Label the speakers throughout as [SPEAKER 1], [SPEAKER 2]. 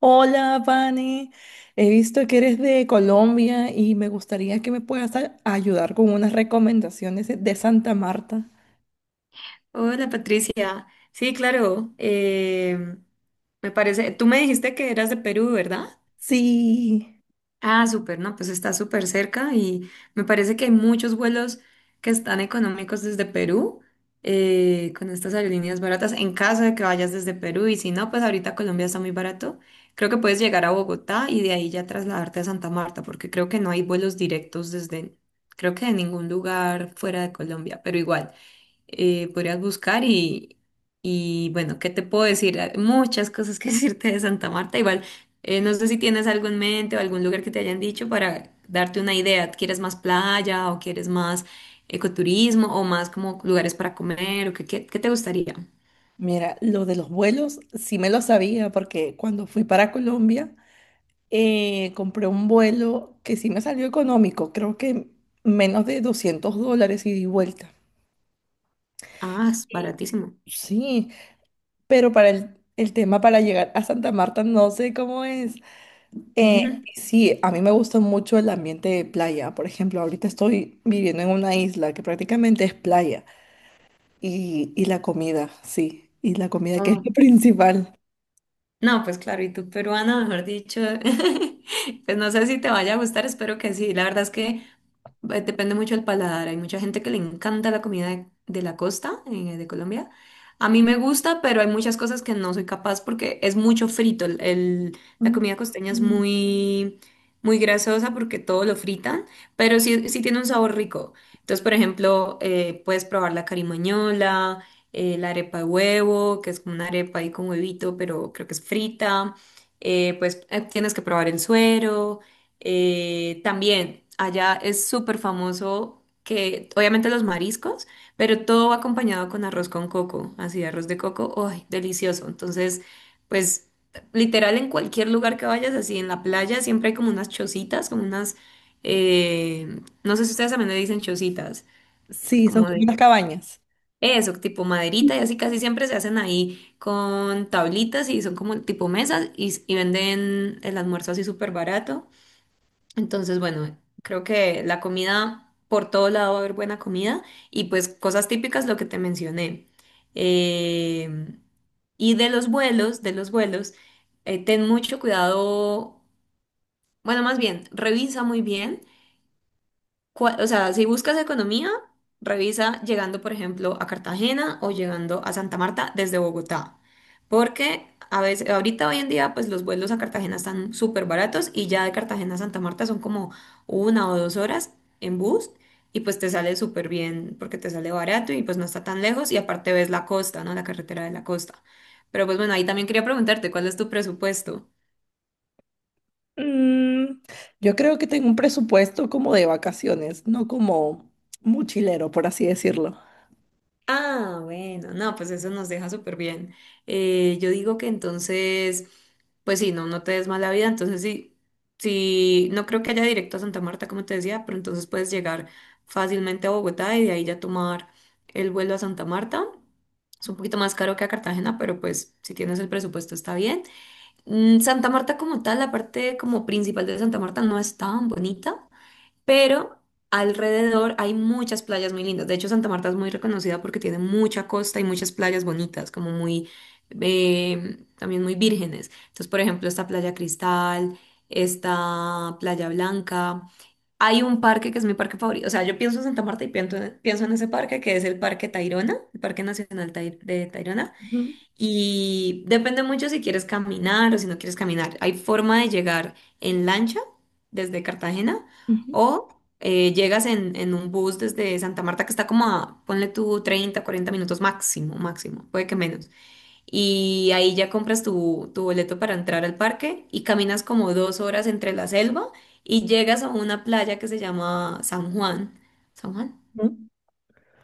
[SPEAKER 1] Hola, Vane. He visto que eres de Colombia y me gustaría que me puedas ayudar con unas recomendaciones de Santa Marta.
[SPEAKER 2] Hola Patricia. Sí, claro. Me parece, tú me dijiste que eras de Perú, ¿verdad?
[SPEAKER 1] Sí,
[SPEAKER 2] Ah, súper, no, pues está súper cerca y me parece que hay muchos vuelos que están económicos desde Perú con estas aerolíneas baratas en caso de que vayas desde Perú y si no, pues ahorita Colombia está muy barato. Creo que puedes llegar a Bogotá y de ahí ya trasladarte a Santa Marta porque creo que no hay vuelos directos desde, creo que de ningún lugar fuera de Colombia, pero igual podrías buscar y bueno, ¿qué te puedo decir? Hay muchas cosas que decirte de Santa Marta. Igual, no sé si tienes algo en mente o algún lugar que te hayan dicho para darte una idea. ¿Quieres más playa o quieres más ecoturismo o más como lugares para comer o qué te gustaría?
[SPEAKER 1] mira, lo de los vuelos sí me lo sabía porque cuando fui para Colombia, compré un vuelo que sí me salió económico. Creo que menos de $200 ida y vuelta.
[SPEAKER 2] Ah, es baratísimo.
[SPEAKER 1] Sí, pero para el tema para llegar a Santa Marta no sé cómo es. Eh,
[SPEAKER 2] Ujú.
[SPEAKER 1] sí, a mí me gusta mucho el ambiente de playa. Por ejemplo, ahorita estoy viviendo en una isla que prácticamente es playa. Y la comida, sí. Y la comida que es
[SPEAKER 2] Oh,
[SPEAKER 1] lo principal.
[SPEAKER 2] no, pues claro, y tú peruana, mejor dicho, pues no sé si te vaya a gustar, espero que sí. La verdad es que, depende mucho del paladar. Hay mucha gente que le encanta la comida de la costa, de Colombia. A mí me gusta, pero hay muchas cosas que no soy capaz porque es mucho frito. La
[SPEAKER 1] Mm.
[SPEAKER 2] comida costeña es
[SPEAKER 1] Mm.
[SPEAKER 2] muy, muy grasosa porque todo lo fritan, pero sí, sí tiene un sabor rico. Entonces, por ejemplo, puedes probar la carimañola, la arepa de huevo, que es como una arepa ahí con huevito, pero creo que es frita. Pues tienes que probar el suero. También allá es súper famoso que, obviamente los mariscos, pero todo va acompañado con arroz con coco, así arroz de coco, ¡ay, delicioso! Entonces, pues literal en cualquier lugar que vayas, así en la playa, siempre hay como unas chocitas, como unas, no sé si ustedes también le dicen chocitas,
[SPEAKER 1] Sí, son
[SPEAKER 2] como
[SPEAKER 1] como
[SPEAKER 2] de...
[SPEAKER 1] unas cabañas.
[SPEAKER 2] eso, tipo maderita y así casi siempre se hacen ahí con tablitas y son como tipo mesas y venden el almuerzo así súper barato. Entonces, bueno, creo que la comida, por todo lado va a haber buena comida y pues cosas típicas, lo que te mencioné. Eh, y de los vuelos, ten mucho cuidado, bueno, más bien, revisa muy bien o sea, si buscas economía, revisa llegando, por ejemplo, a Cartagena o llegando a Santa Marta desde Bogotá. Porque a veces, ahorita hoy en día, pues los vuelos a Cartagena están súper baratos y ya de Cartagena a Santa Marta son como 1 o 2 horas en bus y pues te sale súper bien porque te sale barato y pues no está tan lejos y aparte ves la costa, ¿no? La carretera de la costa. Pero pues bueno, ahí también quería preguntarte, ¿cuál es tu presupuesto?
[SPEAKER 1] Mm, yo creo que tengo un presupuesto como de vacaciones, no como mochilero, por así decirlo.
[SPEAKER 2] Ah, bueno, no, pues eso nos deja súper bien. Yo digo que entonces, pues sí, no, no te des mala vida, entonces sí, sí, no creo que haya directo a Santa Marta, como te decía, pero entonces puedes llegar fácilmente a Bogotá y de ahí ya tomar el vuelo a Santa Marta. Es un poquito más caro que a Cartagena, pero pues si tienes el presupuesto está bien. Santa Marta como tal, la parte como principal de Santa Marta no es tan bonita pero alrededor hay muchas playas muy lindas. De hecho, Santa Marta es muy reconocida porque tiene mucha costa y muchas playas bonitas, como muy, también muy vírgenes. Entonces, por ejemplo, esta Playa Cristal, esta Playa Blanca. Hay un parque que es mi parque favorito. O sea, yo pienso en Santa Marta y pienso en ese parque, que es el Parque Tayrona, el Parque Nacional de Tayrona.
[SPEAKER 1] Ujú,
[SPEAKER 2] Y depende mucho si quieres caminar o si no quieres caminar. Hay forma de llegar en lancha desde Cartagena
[SPEAKER 1] ujú.
[SPEAKER 2] o llegas en un bus desde Santa Marta que está como a, ponle tú 30, 40 minutos máximo, máximo, puede que menos. Y ahí ya compras tu boleto para entrar al parque y caminas como 2 horas entre la selva y llegas a una playa que se llama San Juan. ¿San Juan?
[SPEAKER 1] Mm.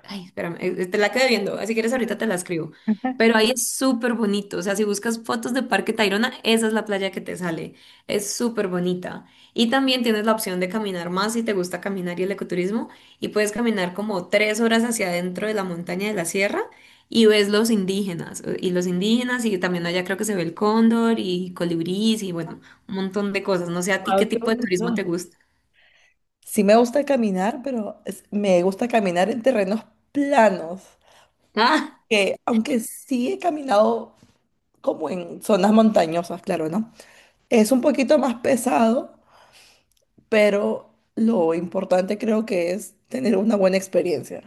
[SPEAKER 2] Ay, espérame, te la quedé viendo, así quieres ahorita te la escribo.
[SPEAKER 1] Ajá.
[SPEAKER 2] Pero ahí es súper bonito, o sea, si buscas fotos de Parque Tayrona, esa es la playa que te sale, es súper bonita. Y también tienes la opción de caminar más si te gusta caminar y el ecoturismo, y puedes caminar como 3 horas hacia adentro de la montaña de la sierra y ves los indígenas, y también allá creo que se ve el cóndor y colibrís y bueno, un montón de cosas. No sé a ti qué
[SPEAKER 1] Guau, qué
[SPEAKER 2] tipo de
[SPEAKER 1] bonito.
[SPEAKER 2] turismo te gusta.
[SPEAKER 1] Sí, me gusta caminar, pero me gusta caminar en terrenos planos. Que aunque sí he caminado como en zonas montañosas, claro, ¿no? Es un poquito más pesado, pero lo importante creo que es tener una buena experiencia.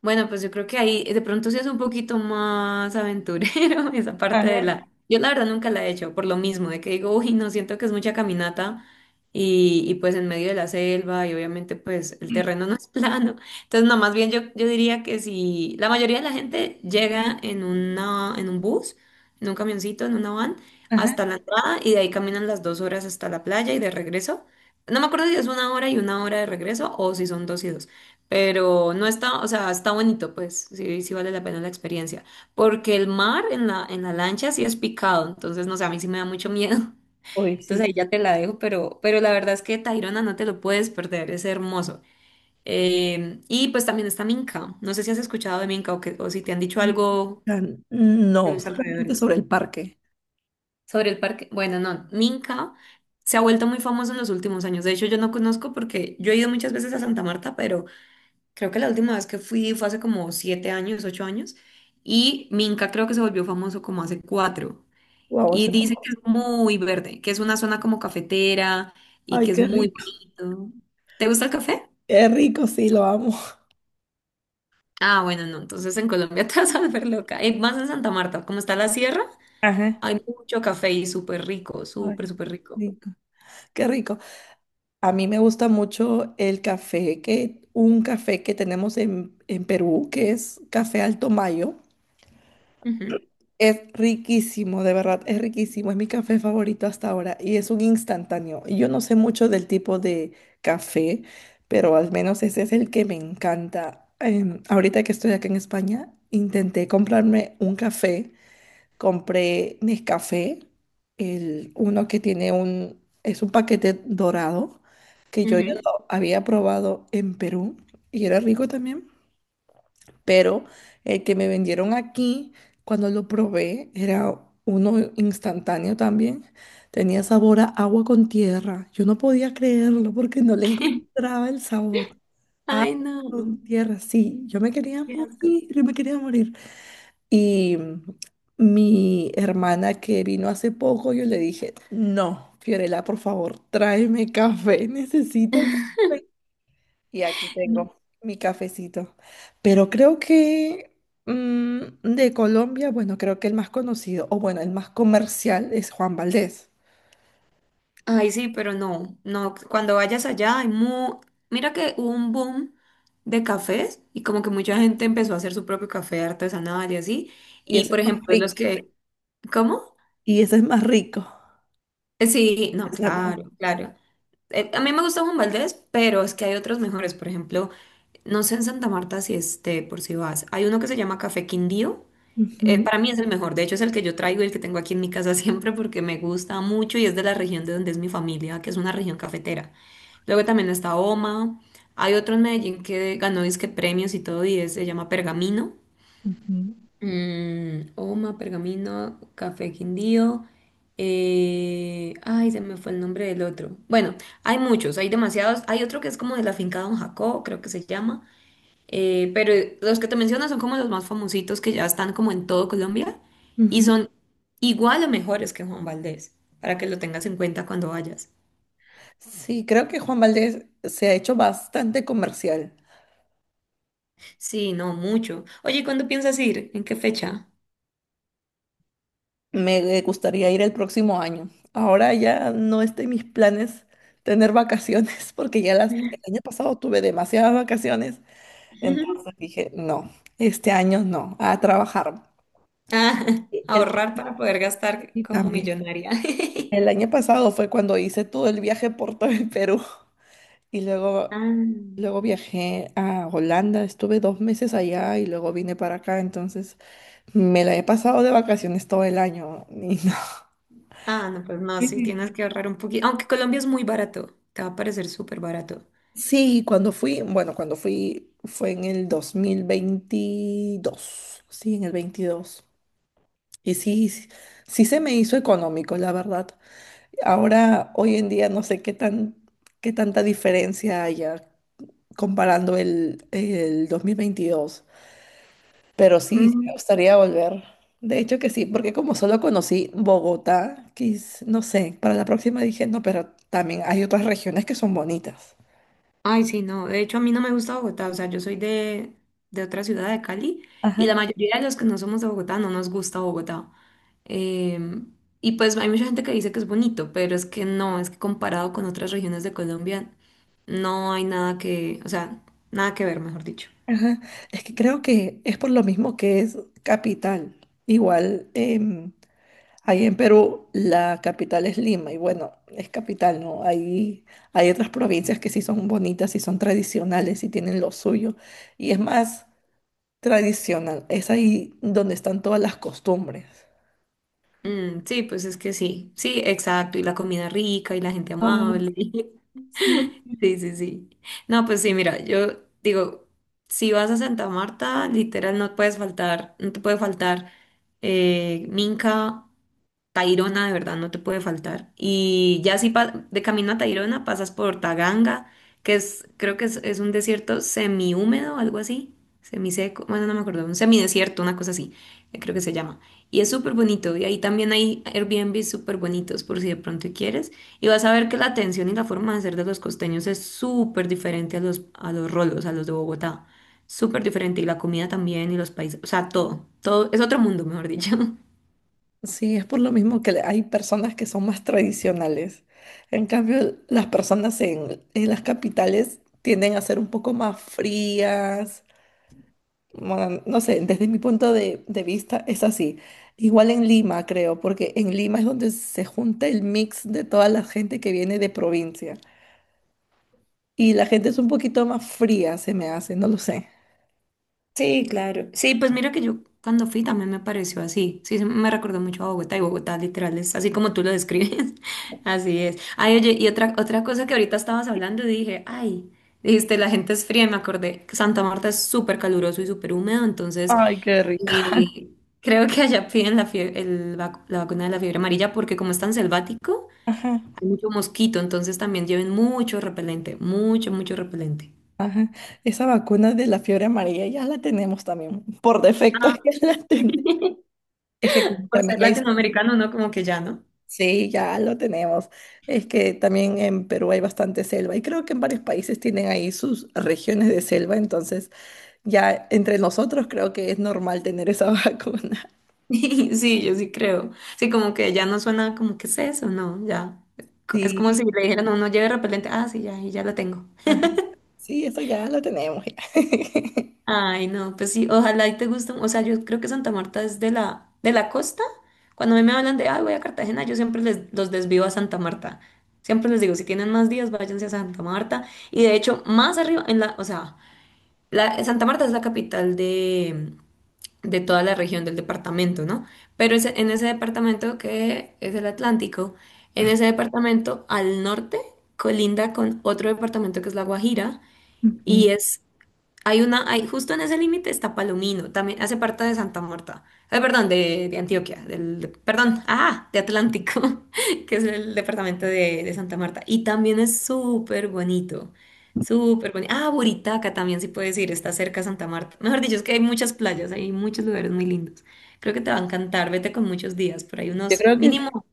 [SPEAKER 2] Bueno, pues yo creo que ahí de pronto sí es un poquito más aventurero esa parte de
[SPEAKER 1] Ajá,
[SPEAKER 2] la. Yo la verdad nunca la he hecho, por lo mismo, de que digo, uy, no siento que es mucha caminata y pues en medio de la selva y obviamente pues el terreno no es plano. Entonces, no, más bien yo diría que si la mayoría de la gente llega en una, en un bus, en un camioncito, en una van,
[SPEAKER 1] ajá.
[SPEAKER 2] hasta la entrada y de ahí caminan las 2 horas hasta la playa y de regreso. No me acuerdo si es una hora y una hora de regreso o si son dos y dos. Pero no está, o sea, está bonito, pues, sí, sí vale la pena la experiencia. Porque el mar en la lancha sí es picado, entonces, no sé, a mí sí me da mucho miedo.
[SPEAKER 1] Uy,
[SPEAKER 2] Entonces
[SPEAKER 1] sí.
[SPEAKER 2] ahí ya te la dejo, pero la verdad es que Tayrona no te lo puedes perder, es hermoso. Y pues también está Minca. No sé si has escuchado de Minca o si te han dicho algo de
[SPEAKER 1] No,
[SPEAKER 2] los
[SPEAKER 1] solamente
[SPEAKER 2] alrededores.
[SPEAKER 1] sobre el parque.
[SPEAKER 2] Sobre el parque, bueno, no, Minca se ha vuelto muy famoso en los últimos años. De hecho, yo no conozco porque yo he ido muchas veces a Santa Marta, pero creo que la última vez que fui fue hace como 7 años, 8 años, y Minca creo que se volvió famoso como hace cuatro.
[SPEAKER 1] Wow,
[SPEAKER 2] Y dice que es muy verde, que es una zona como cafetera y
[SPEAKER 1] ay,
[SPEAKER 2] que es
[SPEAKER 1] qué
[SPEAKER 2] muy
[SPEAKER 1] rico.
[SPEAKER 2] bonito. ¿Te gusta el café?
[SPEAKER 1] Qué rico, sí, lo amo.
[SPEAKER 2] Ah, bueno, no, entonces en Colombia te vas a volver loca. Y más en Santa Marta, como está la sierra,
[SPEAKER 1] Ajá.
[SPEAKER 2] hay mucho café y súper rico,
[SPEAKER 1] Ay,
[SPEAKER 2] súper, súper rico.
[SPEAKER 1] rico. Qué rico. A mí me gusta mucho el café, que un café que tenemos en Perú, que es Café Alto Mayo.
[SPEAKER 2] Ujú,
[SPEAKER 1] Es riquísimo, de verdad, es riquísimo. Es mi café favorito hasta ahora y es un instantáneo. Y yo no sé mucho del tipo de café, pero al menos ese es el que me encanta. Ahorita que estoy acá en España, intenté comprarme un café. Compré Nescafé, el uno que tiene un, es un paquete dorado que yo ya
[SPEAKER 2] ujú.
[SPEAKER 1] lo había probado en Perú y era rico también. Pero el que me vendieron aquí, cuando lo probé, era uno instantáneo también. Tenía sabor a agua con tierra. Yo no podía creerlo porque no le encontraba el sabor. Agua
[SPEAKER 2] Ay, no,
[SPEAKER 1] con tierra, sí. Yo me quería
[SPEAKER 2] qué asco.
[SPEAKER 1] morir, yo me quería morir. Y mi hermana que vino hace poco, yo le dije: no, Fiorella, por favor, tráeme café, necesito café. Y aquí tengo mi cafecito. Pero creo que de Colombia, bueno, creo que el más conocido, o bueno, el más comercial es Juan Valdez.
[SPEAKER 2] Ay, sí, pero no, no, cuando vayas allá mira que hubo un boom de cafés y como que mucha gente empezó a hacer su propio café artesanal y así.
[SPEAKER 1] Y
[SPEAKER 2] Y
[SPEAKER 1] ese es
[SPEAKER 2] por
[SPEAKER 1] más
[SPEAKER 2] ejemplo,
[SPEAKER 1] rico.
[SPEAKER 2] ¿cómo?
[SPEAKER 1] Y ese es más rico.
[SPEAKER 2] Sí, no,
[SPEAKER 1] Esa no.
[SPEAKER 2] claro, claro. A mí me gusta Juan Valdez, pero es que hay otros mejores. Por ejemplo, no sé en Santa Marta si esté, por si vas. Hay uno que se llama Café Quindío. Eh,
[SPEAKER 1] Ujú,
[SPEAKER 2] para mí es el mejor, de hecho es el que yo traigo y el que tengo aquí en mi casa siempre porque me gusta mucho y es de la región de donde es mi familia, que es una región cafetera. Luego también está Oma, hay otro en Medellín que ganó disque premios y todo y se llama Pergamino.
[SPEAKER 1] ujú,
[SPEAKER 2] Oma, Pergamino, Café Quindío. Ay, se me fue el nombre del otro. Bueno, hay muchos, hay demasiados. Hay otro que es como de la finca Don Jacobo, creo que se llama. Pero los que te menciono son como los más famositos que ya están como en todo Colombia y
[SPEAKER 1] ujú.
[SPEAKER 2] son igual o mejores que Juan Valdés, para que lo tengas en cuenta cuando vayas.
[SPEAKER 1] Sí, creo que Juan Valdez se ha hecho bastante comercial.
[SPEAKER 2] Sí, no, mucho. Oye, ¿y cuándo piensas ir? ¿En qué fecha?
[SPEAKER 1] Me gustaría ir el próximo año. Ahora ya no está en mis planes tener vacaciones, porque ya el año pasado tuve demasiadas vacaciones. Entonces dije, no, este año no, a trabajar.
[SPEAKER 2] Ah,
[SPEAKER 1] Y El,
[SPEAKER 2] ahorrar para poder gastar
[SPEAKER 1] y
[SPEAKER 2] como
[SPEAKER 1] también.
[SPEAKER 2] millonaria.
[SPEAKER 1] El año pasado fue cuando hice todo el viaje por todo el Perú y luego,
[SPEAKER 2] Ah,
[SPEAKER 1] luego viajé a Holanda, estuve 2 meses allá y luego vine para acá. Entonces me la he pasado de vacaciones todo el año. Y no.
[SPEAKER 2] ah, no, pues no, sí,
[SPEAKER 1] Sí,
[SPEAKER 2] tienes que ahorrar un poquito. Aunque Colombia es muy barato, te va a parecer súper barato.
[SPEAKER 1] sí, cuando fui, bueno, cuando fui fue en el 2022, sí, en el veintidós. Y sí, sí, sí se me hizo económico, la verdad. Ahora, hoy en día, no sé qué tanta diferencia haya comparando el 2022. Pero sí, sí me gustaría volver. De hecho que sí, porque como solo conocí Bogotá, no sé, para la próxima dije, no, pero también hay otras regiones que son bonitas.
[SPEAKER 2] Ay, sí, no. De hecho, a mí no me gusta Bogotá. O sea, yo soy de otra ciudad de Cali y
[SPEAKER 1] Ajá.
[SPEAKER 2] la mayoría de los que no somos de Bogotá no nos gusta Bogotá. Em, y pues hay mucha gente que dice que es bonito, pero es que no, es que comparado con otras regiones de Colombia, no hay nada que, o sea, nada que ver, mejor dicho.
[SPEAKER 1] Ajá. Es que creo que es por lo mismo que es capital. Igual, ahí en Perú la capital es Lima y bueno, es capital, ¿no? Ahí hay otras provincias que sí son bonitas y son tradicionales y tienen lo suyo. Y es más tradicional, es ahí donde están todas las costumbres.
[SPEAKER 2] Mm, sí, pues es que sí, sí, exacto. Y la comida rica y la gente
[SPEAKER 1] Ay,
[SPEAKER 2] amable.
[SPEAKER 1] sí.
[SPEAKER 2] Sí, sí, sí. No, pues sí, mira, yo digo, si vas a Santa Marta, literal no puedes faltar, no te puede faltar Minca, Tayrona de verdad no te puede faltar. Y ya si de camino a Tayrona pasas por Taganga, creo que es un desierto semihúmedo, algo así, semiseco, bueno, no me acuerdo, un semidesierto, una cosa así, creo que se llama. Y es súper bonito, y ahí también hay Airbnb súper bonitos, por si de pronto quieres. Y vas a ver que la atención y la forma de ser de los costeños es súper diferente a los rolos, a los de Bogotá. Súper diferente, y la comida también, y los países, o sea, todo, todo, es otro mundo, mejor dicho.
[SPEAKER 1] Sí, es por lo mismo que hay personas que son más tradicionales. En cambio, las personas en las capitales tienden a ser un poco más frías. Bueno, no sé, desde mi punto de vista es así. Igual en Lima, creo, porque en Lima es donde se junta el mix de toda la gente que viene de provincia. Y la gente es un poquito más fría, se me hace, no lo sé.
[SPEAKER 2] Sí, claro. Sí, pues mira que yo cuando fui también me pareció así. Sí, me recordó mucho a Bogotá, y Bogotá literal es así como tú lo describes. Así es. Ay, oye, y otra cosa que ahorita estabas hablando y dije, ay, dijiste, la gente es fría y me acordé que Santa Marta es súper caluroso y súper húmedo, entonces
[SPEAKER 1] Ay, qué rico.
[SPEAKER 2] eh, creo que allá piden la vacuna de la fiebre amarilla porque como es tan selvático,
[SPEAKER 1] Ajá,
[SPEAKER 2] hay mucho mosquito, entonces también lleven mucho repelente, mucho, mucho repelente.
[SPEAKER 1] ajá. Esa vacuna de la fiebre amarilla ya la tenemos también. Por defecto
[SPEAKER 2] Ah.
[SPEAKER 1] ya la tenemos. Es que como
[SPEAKER 2] Por ser
[SPEAKER 1] también hay,
[SPEAKER 2] latinoamericano, ¿no? Como que ya, ¿no?
[SPEAKER 1] sí, ya lo tenemos. Es que también en Perú hay bastante selva y creo que en varios países tienen ahí sus regiones de selva, entonces ya entre nosotros creo que es normal tener esa vacuna.
[SPEAKER 2] Sí, yo sí creo. Sí, como que ya no suena como que es eso, no, ya. Es como
[SPEAKER 1] Sí,
[SPEAKER 2] si le dijeran, no, no lleve repelente. Ah, sí, ya, y ya lo tengo.
[SPEAKER 1] ajá, sí, eso ya lo tenemos. Ya.
[SPEAKER 2] Ay, no, pues sí, ojalá y te guste. O sea, yo creo que Santa Marta es de la costa. Cuando a mí me hablan de, ay, voy a Cartagena, yo siempre les, los desvío a Santa Marta. Siempre les digo, si tienen más días, váyanse a Santa Marta. Y de hecho, más arriba, en la, o sea, la, Santa Marta es la capital de toda la región del departamento, ¿no? Pero en ese departamento que es el Atlántico, en ese departamento al norte colinda con otro departamento que es La Guajira
[SPEAKER 1] Ujú.
[SPEAKER 2] y es, hay una, hay, justo en ese límite está Palomino, también hace parte de Santa Marta, perdón, de Antioquia, perdón, ah, de Atlántico, que es el departamento de Santa Marta. Y también es súper bonito, súper bonito. Ah, Buritaca también sí puedes ir, está cerca de Santa Marta. Mejor dicho, es que hay muchas playas, hay muchos lugares muy lindos. Creo que te va a encantar, vete con muchos días, pero hay
[SPEAKER 1] Yo
[SPEAKER 2] unos
[SPEAKER 1] creo que sí.
[SPEAKER 2] mínimo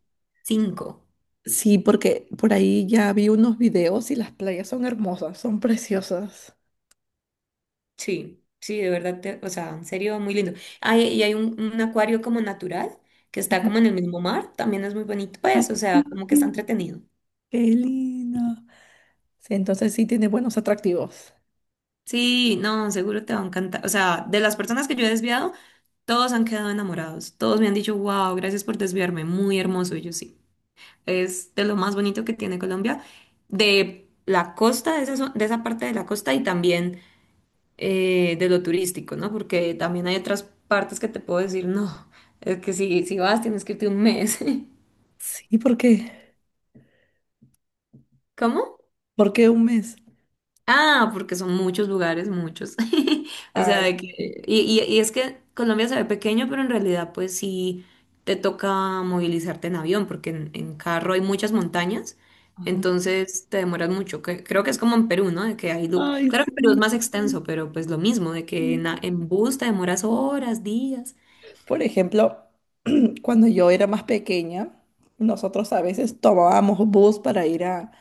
[SPEAKER 2] cinco.
[SPEAKER 1] Sí, porque por ahí ya vi unos videos y las playas son hermosas, son preciosas.
[SPEAKER 2] Sí, sí, de verdad, te- o sea, en serio, muy lindo. Hay, y hay un acuario como natural que está
[SPEAKER 1] Ajá.
[SPEAKER 2] como en el mismo mar, también es muy bonito,
[SPEAKER 1] Ay,
[SPEAKER 2] pues, o sea, como que está entretenido.
[SPEAKER 1] qué lindo. Sí, entonces sí tiene buenos atractivos.
[SPEAKER 2] Sí, no, seguro te va a encantar. O sea, de las personas que yo he desviado, todos han quedado enamorados. Todos me han dicho, wow, gracias por desviarme, muy hermoso. Y yo sí, es de lo más bonito que tiene Colombia, de la costa, de esa, de esa parte de la costa y también de lo turístico, ¿no? Porque también hay otras partes que te puedo decir, no, es que si, si vas tienes que irte un mes.
[SPEAKER 1] Sí, ¿por qué?
[SPEAKER 2] ¿Cómo?
[SPEAKER 1] ¿Por qué un mes?
[SPEAKER 2] Ah, porque son muchos lugares, muchos. O sea,
[SPEAKER 1] Ay,
[SPEAKER 2] de que, y es que Colombia se ve pequeño, pero en realidad pues sí te toca movilizarte en avión, porque en carro hay muchas montañas,
[SPEAKER 1] ay,
[SPEAKER 2] entonces te demoras mucho. Que- creo que es como en Perú, ¿no? De que hay
[SPEAKER 1] ay,
[SPEAKER 2] claro que Perú es
[SPEAKER 1] sí.
[SPEAKER 2] más extenso, pero pues lo mismo, de que en, en bus te demoras horas, días.
[SPEAKER 1] Por ejemplo, cuando yo era más pequeña, nosotros a veces tomábamos bus para ir a,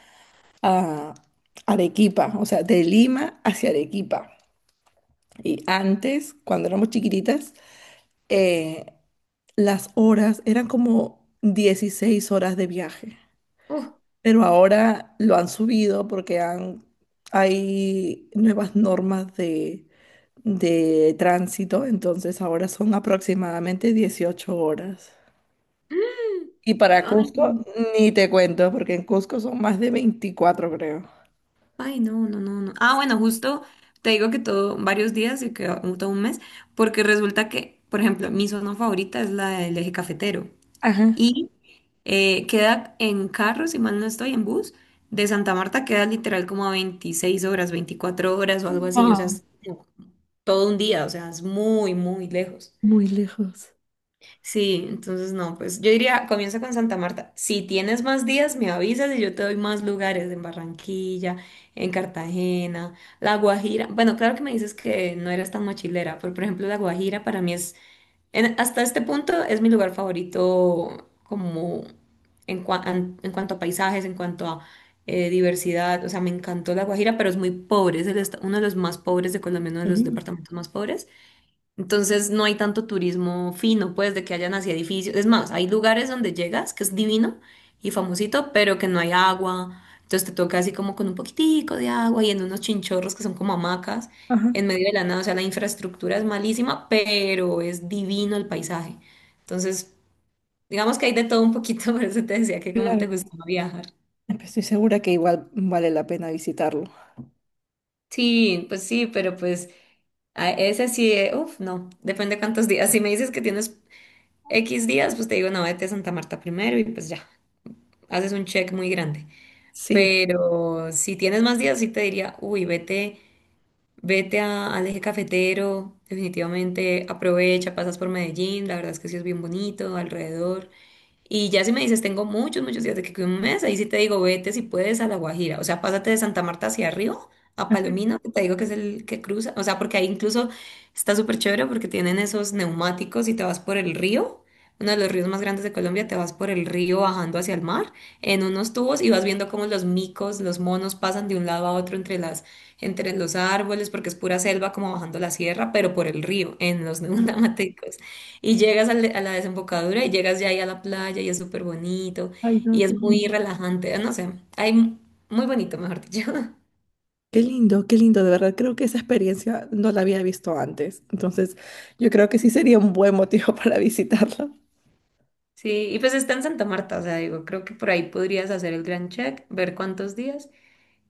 [SPEAKER 1] a Arequipa, o sea, de Lima hacia Arequipa. Y antes, cuando éramos chiquititas, eh, las horas eran como 16 horas de viaje. Pero ahora lo han subido porque hay nuevas normas de tránsito, entonces ahora son aproximadamente 18 horas. Y para
[SPEAKER 2] Ay,
[SPEAKER 1] Cusco, ni te cuento, porque en Cusco son más de 24, creo.
[SPEAKER 2] ay, no, no, no, no. Ah, bueno, justo te digo que todo, varios días y que todo un mes, porque resulta que, por ejemplo, mi zona favorita es la del eje cafetero
[SPEAKER 1] Ajá.
[SPEAKER 2] y queda en carro, si mal no estoy, en bus, de Santa Marta queda literal como a 26 horas, 24 horas o algo así, o sea,
[SPEAKER 1] Wow,
[SPEAKER 2] es no, todo un día, o sea, es muy, muy lejos.
[SPEAKER 1] muy lejos.
[SPEAKER 2] Sí, entonces no, pues yo diría, comienza con Santa Marta. Si tienes más días, me avisas y yo te doy más lugares en Barranquilla, en Cartagena, La Guajira. Bueno, claro que me dices que no eras tan mochilera, pero por ejemplo, La Guajira para mí es, hasta este punto es mi lugar favorito como en, en cuanto a paisajes, en cuanto a diversidad. O sea, me encantó La Guajira, pero es muy pobre, es uno de los más pobres de Colombia, uno de los
[SPEAKER 1] Ujú.
[SPEAKER 2] departamentos más pobres. Entonces no hay tanto turismo fino, pues, de que hayan así edificios. Es más, hay lugares donde llegas, que es divino y famosito, pero que no hay agua. Entonces te toca así como con un poquitico de agua y en unos chinchorros que son como hamacas,
[SPEAKER 1] Ajá.
[SPEAKER 2] en medio de la nada. O sea, la infraestructura es malísima, pero es divino el paisaje. Entonces, digamos que hay de todo un poquito, por eso te decía que como te
[SPEAKER 1] Claro.
[SPEAKER 2] gustaba viajar.
[SPEAKER 1] Estoy segura que igual vale la pena visitarlo.
[SPEAKER 2] Sí, pues sí, pero pues a ese sí, uff, no, depende cuántos días. Si me dices que tienes X días, pues te digo, no, vete a Santa Marta primero y pues ya, haces un check muy grande.
[SPEAKER 1] Sí.
[SPEAKER 2] Pero si tienes más días, sí te diría, uy, vete, vete al eje cafetero, definitivamente aprovecha, pasas por Medellín, la verdad es que sí es bien bonito alrededor. Y ya si me dices, tengo muchos, muchos días de que cuido un mes, ahí sí te digo, vete si puedes a La Guajira. O sea, pásate de Santa Marta hacia arriba, a Palomino, que te digo que es el que cruza. O sea, porque ahí incluso está súper chévere porque tienen esos neumáticos y te vas por el río. Uno de los ríos más grandes de Colombia, te vas por el río bajando hacia el mar en unos tubos y vas viendo cómo los micos, los monos pasan de un lado a otro entre las, entre los árboles, porque es pura selva como bajando la sierra, pero por el río, en los
[SPEAKER 1] Ah.
[SPEAKER 2] neumáticos. Y llegas a la, desembocadura y llegas ya ahí a la playa y es súper bonito
[SPEAKER 1] Ay, no,
[SPEAKER 2] y es
[SPEAKER 1] qué
[SPEAKER 2] muy
[SPEAKER 1] lindo.
[SPEAKER 2] relajante, no sé, hay muy bonito, mejor dicho.
[SPEAKER 1] Qué lindo, qué lindo, de verdad. Creo que esa experiencia no la había visto antes. Entonces, yo creo que sí sería un buen motivo para visitarlo.
[SPEAKER 2] Sí, y pues está en Santa Marta, o sea, digo, creo que por ahí podrías hacer el gran check, ver cuántos días.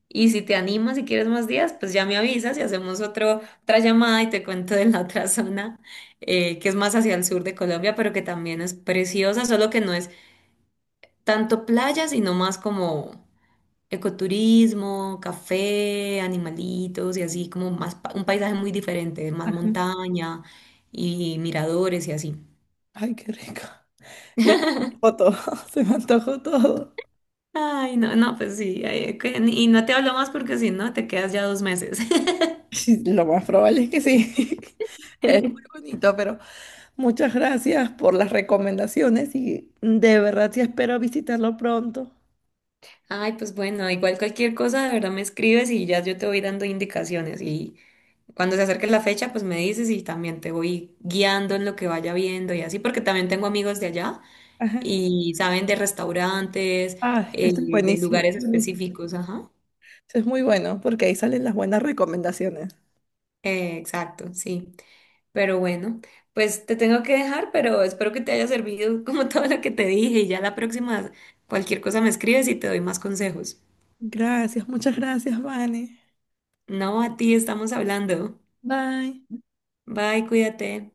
[SPEAKER 2] Y si te animas y quieres más días, pues ya me avisas y hacemos otra llamada y te cuento de la otra zona, que es más hacia el sur de Colombia, pero que también es preciosa, solo que no es tanto playa, sino más como ecoturismo, café, animalitos y así como más un paisaje muy diferente, más
[SPEAKER 1] Ajá.
[SPEAKER 2] montaña y miradores y así.
[SPEAKER 1] Ay, qué rico. Ya se me antojó todo, se me antojó todo.
[SPEAKER 2] Ay, no, no, pues sí, ay, y no te hablo más porque si no te quedas ya 2 meses.
[SPEAKER 1] Sí, lo más probable es que sí. Es muy bonito, pero muchas gracias por las recomendaciones y de verdad sí espero visitarlo pronto.
[SPEAKER 2] Ay, pues bueno, igual cualquier cosa, de verdad me escribes y ya yo te voy dando indicaciones y cuando se acerque la fecha, pues me dices y también te voy guiando en lo que vaya viendo y así, porque también tengo amigos de allá
[SPEAKER 1] Ajá.
[SPEAKER 2] y saben de restaurantes,
[SPEAKER 1] Ah, esto es
[SPEAKER 2] de
[SPEAKER 1] buenísimo,
[SPEAKER 2] lugares
[SPEAKER 1] buenísimo.
[SPEAKER 2] específicos, ajá.
[SPEAKER 1] Esto es muy bueno porque ahí salen las buenas recomendaciones.
[SPEAKER 2] Exacto, sí. Pero bueno, pues te tengo que dejar, pero espero que te haya servido como todo lo que te dije y ya la próxima, cualquier cosa me escribes y te doy más consejos.
[SPEAKER 1] Gracias, muchas gracias, Vane.
[SPEAKER 2] No, a ti, estamos hablando.
[SPEAKER 1] Bye.
[SPEAKER 2] Bye, cuídate.